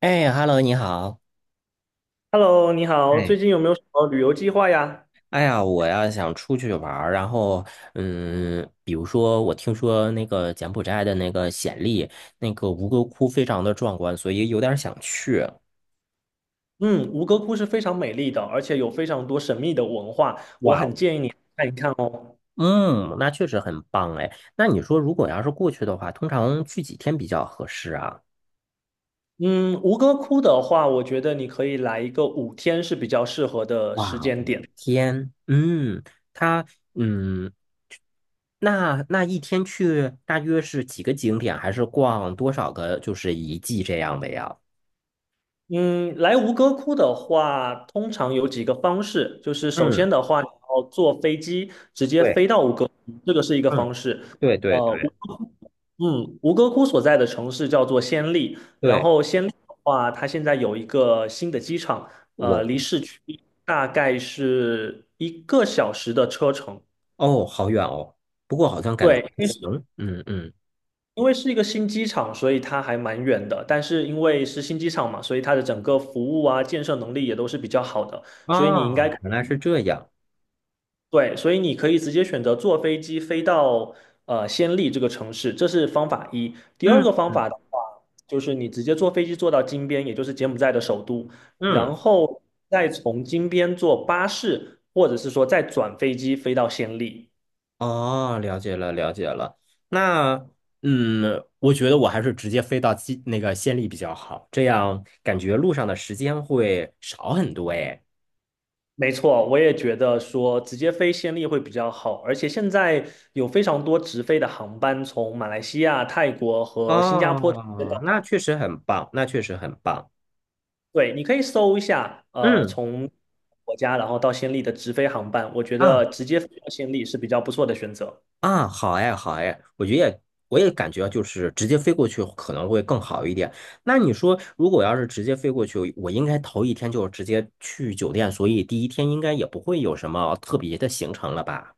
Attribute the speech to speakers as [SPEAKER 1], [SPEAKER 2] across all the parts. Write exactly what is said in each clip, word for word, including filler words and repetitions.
[SPEAKER 1] 哎，Hello，你好。
[SPEAKER 2] Hello，你好，最
[SPEAKER 1] 哎，
[SPEAKER 2] 近有没有什么旅游计划呀？
[SPEAKER 1] 哎呀，我要想出去玩儿，然后，嗯，比如说，我听说那个柬埔寨的那个暹粒，那个吴哥窟非常的壮观，所以有点儿想去。
[SPEAKER 2] 嗯，吴哥窟是非常美丽的，而且有非常多神秘的文化，我
[SPEAKER 1] 哇
[SPEAKER 2] 很
[SPEAKER 1] 哦，
[SPEAKER 2] 建议你看一看哦。
[SPEAKER 1] 嗯，那确实很棒哎。那你说，如果要是过去的话，通常去几天比较合适啊？
[SPEAKER 2] 嗯，吴哥窟的话，我觉得你可以来一个五天是比较适合的时
[SPEAKER 1] 哇哦，
[SPEAKER 2] 间点。
[SPEAKER 1] 天，嗯，他，嗯，那那一天去大约是几个景点，还是逛多少个就是遗迹这样的呀？
[SPEAKER 2] 嗯，来吴哥窟的话，通常有几个方式，就是首
[SPEAKER 1] 嗯。
[SPEAKER 2] 先的话，你要坐飞机直接
[SPEAKER 1] 对。
[SPEAKER 2] 飞到吴哥窟，这个是一个
[SPEAKER 1] 嗯，
[SPEAKER 2] 方式。
[SPEAKER 1] 对对
[SPEAKER 2] 呃，吴
[SPEAKER 1] 对
[SPEAKER 2] 嗯，吴哥窟所在的城市叫做暹粒，然
[SPEAKER 1] 对，
[SPEAKER 2] 后暹粒的话，它现在有一个新的机场，
[SPEAKER 1] 我
[SPEAKER 2] 呃，离市区大概是一个小时的车程。
[SPEAKER 1] 哦，好远哦，不过好像感觉
[SPEAKER 2] 对，
[SPEAKER 1] 还行，嗯嗯，
[SPEAKER 2] 因为是一个新机场，所以它还蛮远的。但是因为是新机场嘛，所以它的整个服务啊、建设能力也都是比较好的。所以你应该
[SPEAKER 1] 啊，原来是这样，
[SPEAKER 2] 对，所以你可以直接选择坐飞机飞到呃暹粒这个城市，这是方法一。第二
[SPEAKER 1] 嗯
[SPEAKER 2] 个方法的话，就是你直接坐飞机坐到金边，也就是柬埔寨的首都，
[SPEAKER 1] 嗯，
[SPEAKER 2] 然后再从金边坐巴士，或者是说再转飞机飞到暹粒。
[SPEAKER 1] 哦，了解了了解了，那嗯，我觉得我还是直接飞到西那个县里比较好，这样感觉路上的时间会少很多诶。
[SPEAKER 2] 没错，我也觉得说直接飞暹粒会比较好，而且现在有非常多直飞的航班从马来西亚、泰国和新加坡直接到。
[SPEAKER 1] 哦，那确实很棒，那确实很棒，
[SPEAKER 2] 对，你可以搜一下，呃，
[SPEAKER 1] 嗯
[SPEAKER 2] 从国家然后到暹粒的直飞航班，我觉得
[SPEAKER 1] 啊。
[SPEAKER 2] 直接飞到暹粒是比较不错的选择。
[SPEAKER 1] 啊，好哎，好哎，我觉得也我也感觉就是直接飞过去可能会更好一点。那你说，如果要是直接飞过去，我应该头一天就直接去酒店，所以第一天应该也不会有什么特别的行程了吧？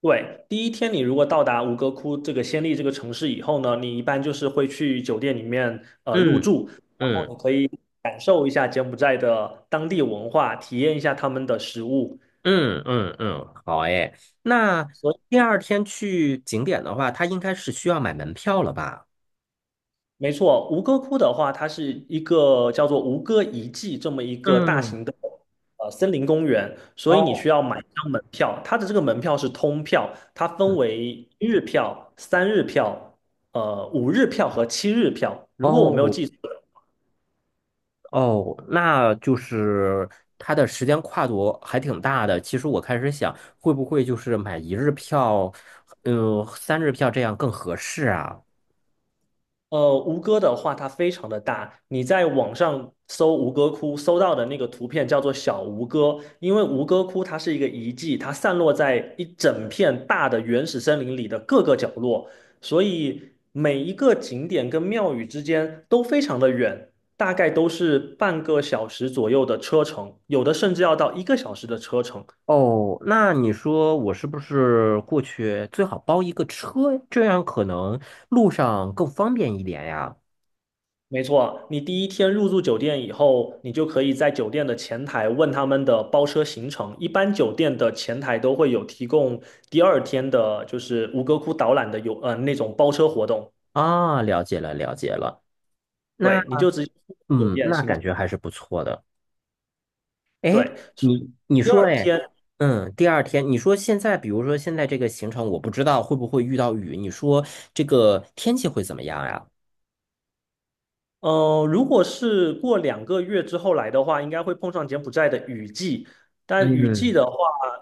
[SPEAKER 2] 对，第一天你如果到达吴哥窟这个暹粒这个城市以后呢，你一般就是会去酒店里面呃入
[SPEAKER 1] 嗯
[SPEAKER 2] 住，然后你
[SPEAKER 1] 嗯
[SPEAKER 2] 可以感受一下柬埔寨的当地文化，体验一下他们的食物。
[SPEAKER 1] 嗯嗯嗯，好哎。那
[SPEAKER 2] 所以。
[SPEAKER 1] 第二天去景点的话，它应该是需要买门票了吧？
[SPEAKER 2] 没错，吴哥窟的话，它是一个叫做吴哥遗迹这么一个大
[SPEAKER 1] 嗯，
[SPEAKER 2] 型的呃森林公园，所以你
[SPEAKER 1] 哦，
[SPEAKER 2] 需要买一张门票。它的这个门票是通票，它分
[SPEAKER 1] 嗯
[SPEAKER 2] 为一日票、三日票、呃五日票和七日票。
[SPEAKER 1] 哦
[SPEAKER 2] 如果我没有
[SPEAKER 1] 哦
[SPEAKER 2] 记错，
[SPEAKER 1] 哦，那就是它的时间跨度还挺大的。其实我开始想，会不会就是买一日票，嗯、三日票这样更合适啊？
[SPEAKER 2] 呃，吴哥的话，它非常的大。你在网上搜吴哥窟，搜到的那个图片叫做小吴哥，因为吴哥窟它是一个遗迹，它散落在一整片大的原始森林里的各个角落，所以每一个景点跟庙宇之间都非常的远，大概都是半个小时左右的车程，有的甚至要到一个小时的车程。
[SPEAKER 1] 哦，那你说我是不是过去最好包一个车，这样可能路上更方便一点呀？
[SPEAKER 2] 没错，你第一天入住酒店以后，你就可以在酒店的前台问他们的包车行程。一般酒店的前台都会有提供第二天的，就是吴哥窟导览的有呃那种包车活动。
[SPEAKER 1] 啊，了解了，了解了。那
[SPEAKER 2] 对，你就直接去酒
[SPEAKER 1] 嗯，
[SPEAKER 2] 店
[SPEAKER 1] 那
[SPEAKER 2] 行。
[SPEAKER 1] 感觉还是不错的。哎，
[SPEAKER 2] 对，
[SPEAKER 1] 你你
[SPEAKER 2] 第
[SPEAKER 1] 说，
[SPEAKER 2] 二
[SPEAKER 1] 哎，
[SPEAKER 2] 天
[SPEAKER 1] 嗯，第二天，你说现在，比如说现在这个行程，我不知道会不会遇到雨，你说这个天气会怎么样呀？
[SPEAKER 2] 呃，如果是过两个月之后来的话，应该会碰上柬埔寨的雨季。但雨季
[SPEAKER 1] 嗯，
[SPEAKER 2] 的话，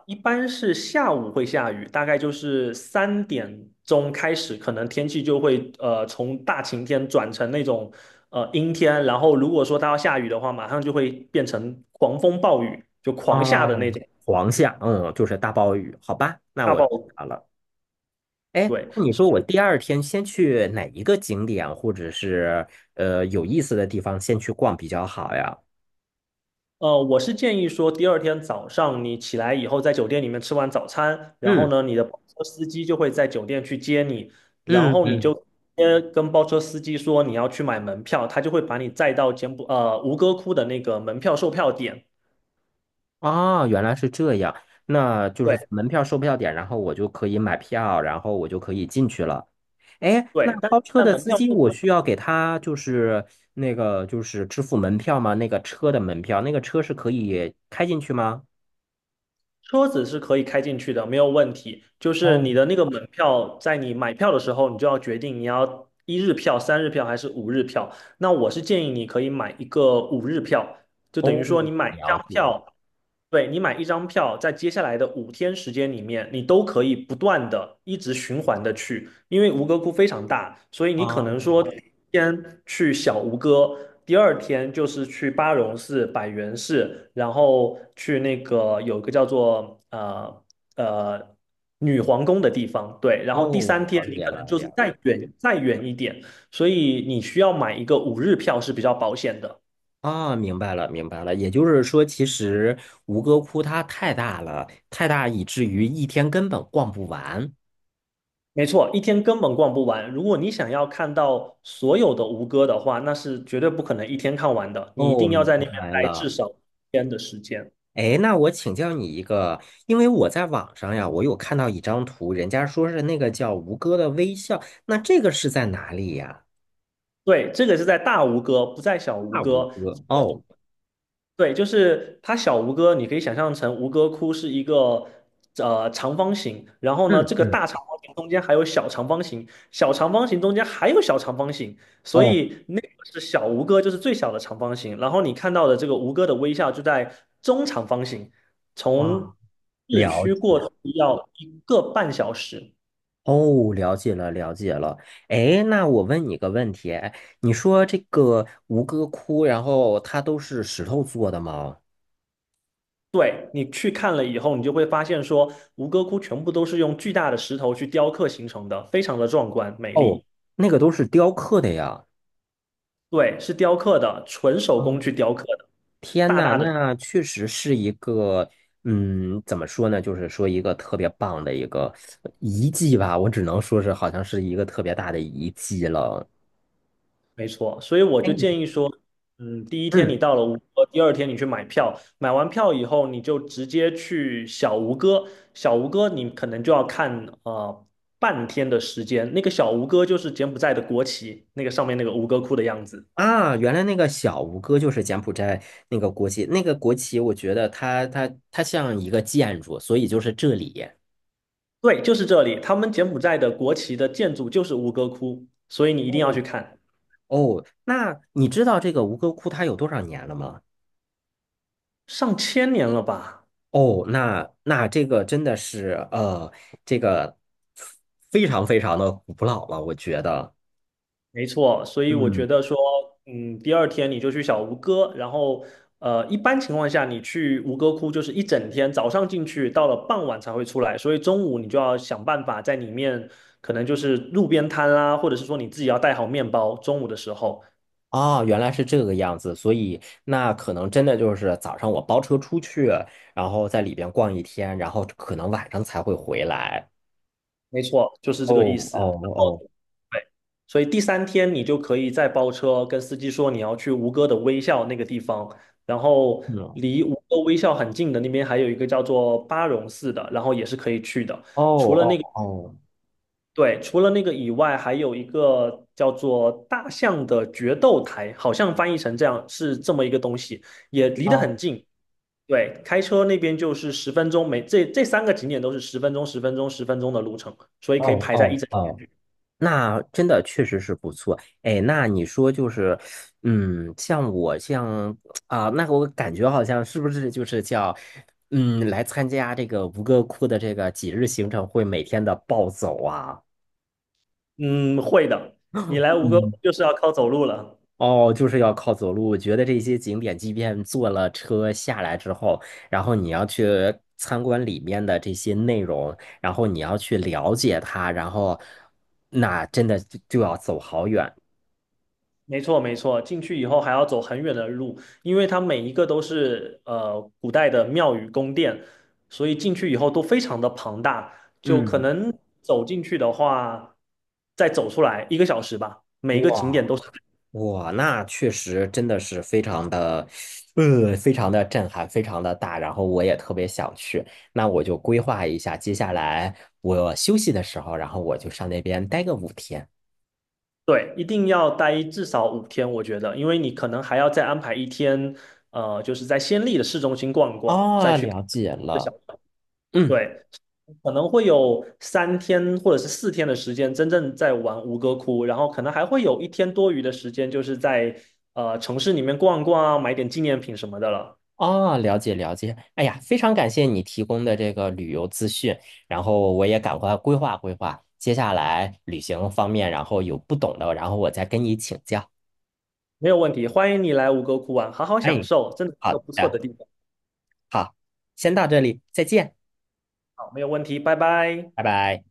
[SPEAKER 2] 一般是下午会下雨，大概就是三点钟开始，可能天气就会呃从大晴天转成那种呃阴天。然后如果说它要下雨的话，马上就会变成狂风暴雨，就狂下的那
[SPEAKER 1] 哦，
[SPEAKER 2] 种
[SPEAKER 1] 黄下，嗯，就是大暴雨，好吧，那
[SPEAKER 2] 大
[SPEAKER 1] 我
[SPEAKER 2] 暴
[SPEAKER 1] 知
[SPEAKER 2] 雨。
[SPEAKER 1] 道了。哎，
[SPEAKER 2] 对，
[SPEAKER 1] 那你说我第二天先去哪一个景点，或者是呃有意思的地方先去逛比较好呀？
[SPEAKER 2] 呃，我是建议说，第二天早上你起来以后，在酒店里面吃完早餐，然后
[SPEAKER 1] 嗯
[SPEAKER 2] 呢，你的包车司机就会在酒店去接你，然
[SPEAKER 1] 嗯
[SPEAKER 2] 后你
[SPEAKER 1] 嗯
[SPEAKER 2] 就直接跟包车司机说你要去买门票，他就会把你载到柬埔呃吴哥窟的那个门票售票点。
[SPEAKER 1] 哦，原来是这样，那就是
[SPEAKER 2] 对
[SPEAKER 1] 门票、售票点，然后我就可以买票，然后我就可以进去了。哎，那
[SPEAKER 2] 对，但
[SPEAKER 1] 包车
[SPEAKER 2] 但
[SPEAKER 1] 的
[SPEAKER 2] 门
[SPEAKER 1] 司
[SPEAKER 2] 票
[SPEAKER 1] 机，
[SPEAKER 2] 售
[SPEAKER 1] 我
[SPEAKER 2] 票
[SPEAKER 1] 需要给他就是那个就是支付门票吗？那个车的门票，那个车是可以开进去吗？
[SPEAKER 2] 车子是可以开进去的，没有问题。就是
[SPEAKER 1] 哦，
[SPEAKER 2] 你的那个门票，在你买票的时候，你就要决定你要一日票、三日票还是五日票。那我是建议你可以买一个五日票。就等于说
[SPEAKER 1] 哦，
[SPEAKER 2] 你买一张
[SPEAKER 1] 了解。
[SPEAKER 2] 票，对，你买一张票，在接下来的五天时间里面，你都可以不断的一直循环的去，因为吴哥窟非常大，所以你可能说
[SPEAKER 1] 哦
[SPEAKER 2] 先去小吴哥，第二天就是去巴戎寺、百元寺，然后去那个有个叫做呃呃女皇宫的地方，对，然后第
[SPEAKER 1] 哦，
[SPEAKER 2] 三天
[SPEAKER 1] 了
[SPEAKER 2] 你
[SPEAKER 1] 解
[SPEAKER 2] 可能
[SPEAKER 1] 了，
[SPEAKER 2] 就是
[SPEAKER 1] 了解。
[SPEAKER 2] 再远再远一点，所以你需要买一个五日票是比较保险的。
[SPEAKER 1] 啊，明白了，明白了。也就是说，其实吴哥窟它太大了，太大以至于一天根本逛不完。
[SPEAKER 2] 没错，一天根本逛不完。如果你想要看到所有的吴哥的话，那是绝对不可能一天看完的。你一
[SPEAKER 1] 哦，
[SPEAKER 2] 定要
[SPEAKER 1] 明
[SPEAKER 2] 在那边
[SPEAKER 1] 白
[SPEAKER 2] 待至
[SPEAKER 1] 了。
[SPEAKER 2] 少一天的时间。
[SPEAKER 1] 哎，那我请教你一个，因为我在网上呀，我有看到一张图，人家说是那个叫吴哥的微笑，那这个是在哪里呀？
[SPEAKER 2] 对，这个是在大吴哥，不在小吴
[SPEAKER 1] 那吴
[SPEAKER 2] 哥。
[SPEAKER 1] 哥，哦，
[SPEAKER 2] 对，就是它小吴哥，你可以想象成吴哥窟是一个呃长方形，然后呢，
[SPEAKER 1] 嗯
[SPEAKER 2] 这个
[SPEAKER 1] 嗯，
[SPEAKER 2] 大长方形中间还有小长方形，小长方形中间还有小长方形，所
[SPEAKER 1] 哦，
[SPEAKER 2] 以那个是小吴哥，就是最小的长方形。然后你看到的这个吴哥的微笑就在中长方形，从
[SPEAKER 1] 啊，
[SPEAKER 2] 市
[SPEAKER 1] 了
[SPEAKER 2] 区过
[SPEAKER 1] 解，
[SPEAKER 2] 去要一个半小时。
[SPEAKER 1] 哦，了解了，了解了。哎，那我问你个问题，哎，你说这个吴哥窟，然后它都是石头做的吗？
[SPEAKER 2] 对，你去看了以后，你就会发现说，吴哥窟全部都是用巨大的石头去雕刻形成的，非常的壮观美
[SPEAKER 1] 哦，
[SPEAKER 2] 丽。
[SPEAKER 1] 那个都是雕刻的呀。
[SPEAKER 2] 对，是雕刻的，纯手工去雕刻的，
[SPEAKER 1] 天
[SPEAKER 2] 大
[SPEAKER 1] 呐，
[SPEAKER 2] 大的，
[SPEAKER 1] 那确实是一个，嗯，怎么说呢？就是说一个特别棒的一个遗迹吧，我只能说是好像是一个特别大的遗迹了。
[SPEAKER 2] 没错。所以我就
[SPEAKER 1] 哎
[SPEAKER 2] 建议说，嗯，第一天你
[SPEAKER 1] 嗯
[SPEAKER 2] 到了吴哥，第二天你去买票，买完票以后，你就直接去小吴哥。小吴哥你可能就要看呃半天的时间，那个小吴哥就是柬埔寨的国旗，那个上面那个吴哥窟的样子。
[SPEAKER 1] 啊，原来那个小吴哥就是柬埔寨那个国旗，那个国旗，我觉得它它它像一个建筑，所以就是这里。
[SPEAKER 2] 对，就是这里，他们柬埔寨的国旗的建筑就是吴哥窟，所以你一定要
[SPEAKER 1] 哦
[SPEAKER 2] 去看，
[SPEAKER 1] 哦，那你知道这个吴哥窟它有多少年了吗？
[SPEAKER 2] 上千年了吧。
[SPEAKER 1] 哦，那那这个真的是呃，这个非常非常的古老了，我觉得。
[SPEAKER 2] 没错，所以我
[SPEAKER 1] 嗯，
[SPEAKER 2] 觉得说，嗯，第二天你就去小吴哥，然后呃，一般情况下你去吴哥窟就是一整天，早上进去，到了傍晚才会出来，所以中午你就要想办法在里面，可能就是路边摊啦，或者是说你自己要带好面包，中午的时候，
[SPEAKER 1] 啊，原来是这个样子，所以那可能真的就是早上我包车出去，然后在里边逛一天，然后可能晚上才会回来。
[SPEAKER 2] 没错，就是这个意
[SPEAKER 1] 哦
[SPEAKER 2] 思。
[SPEAKER 1] 哦
[SPEAKER 2] 然
[SPEAKER 1] 哦，
[SPEAKER 2] 后。对，所以第三天你就可以再包车，跟司机说你要去吴哥的微笑那个地方，然后
[SPEAKER 1] 嗯，哦
[SPEAKER 2] 离吴哥微笑很近的那边还有一个叫做巴戎寺的，然后也是可以去的。
[SPEAKER 1] 哦哦
[SPEAKER 2] 对，除了那个以外，还有一个叫做大象的决斗台，好像翻译成这样是这么一个东西，也离得
[SPEAKER 1] 哦
[SPEAKER 2] 很近。对，开车那边就是十分钟，每这这三个景点都是十分钟、十分钟、十分钟的路程，所以可以
[SPEAKER 1] 哦
[SPEAKER 2] 排在一
[SPEAKER 1] 哦。
[SPEAKER 2] 整。
[SPEAKER 1] 哦那真的确实是不错，哎，那你说就是，嗯，像我像啊、那我感觉好像是不是就是叫，嗯，来参加这个吴哥窟的这个几日行程会每天的暴走啊？
[SPEAKER 2] 嗯，会的。你来吴哥窟
[SPEAKER 1] 嗯，
[SPEAKER 2] 就是要靠走路了，
[SPEAKER 1] 哦，就是要靠走路。我觉得这些景点，即便坐了车下来之后，然后你要去参观里面的这些内容，然后你要去了解它，然后那真的就就要走好远。
[SPEAKER 2] 没错没错。进去以后还要走很远的路，因为它每一个都是呃古代的庙宇宫殿，所以进去以后都非常的庞大，就可
[SPEAKER 1] 嗯。
[SPEAKER 2] 能走进去的话，再走出来一个小时吧。每一个景
[SPEAKER 1] 哇。
[SPEAKER 2] 点都是，
[SPEAKER 1] 哇，那确实真的是非常的，呃，非常的震撼，非常的大。然后我也特别想去，那我就规划一下，接下来我休息的时候，然后我就上那边待个五天。
[SPEAKER 2] 对，一定要待至少五天，我觉得，因为你可能还要再安排一天，呃，就是在暹粒的市中心逛一逛，再
[SPEAKER 1] 哦，
[SPEAKER 2] 去。
[SPEAKER 1] 了解
[SPEAKER 2] 个小
[SPEAKER 1] 了，嗯，
[SPEAKER 2] 对，可能会有三天或者是四天的时间真正在玩吴哥窟，然后可能还会有一天多余的时间，就是在呃城市里面逛逛啊，买点纪念品什么的了。
[SPEAKER 1] 哦，了解了解。哎呀，非常感谢你提供的这个旅游资讯，然后我也赶快规划规划，接下来旅行方面，然后有不懂的，然后我再跟你请教。
[SPEAKER 2] 没有问题，欢迎你来吴哥窟玩，好好
[SPEAKER 1] 哎，
[SPEAKER 2] 享受，真的是
[SPEAKER 1] 好
[SPEAKER 2] 个不错的
[SPEAKER 1] 的，
[SPEAKER 2] 地方。
[SPEAKER 1] 好，先到这里，再见，
[SPEAKER 2] 好，没有问题，拜拜。
[SPEAKER 1] 拜拜。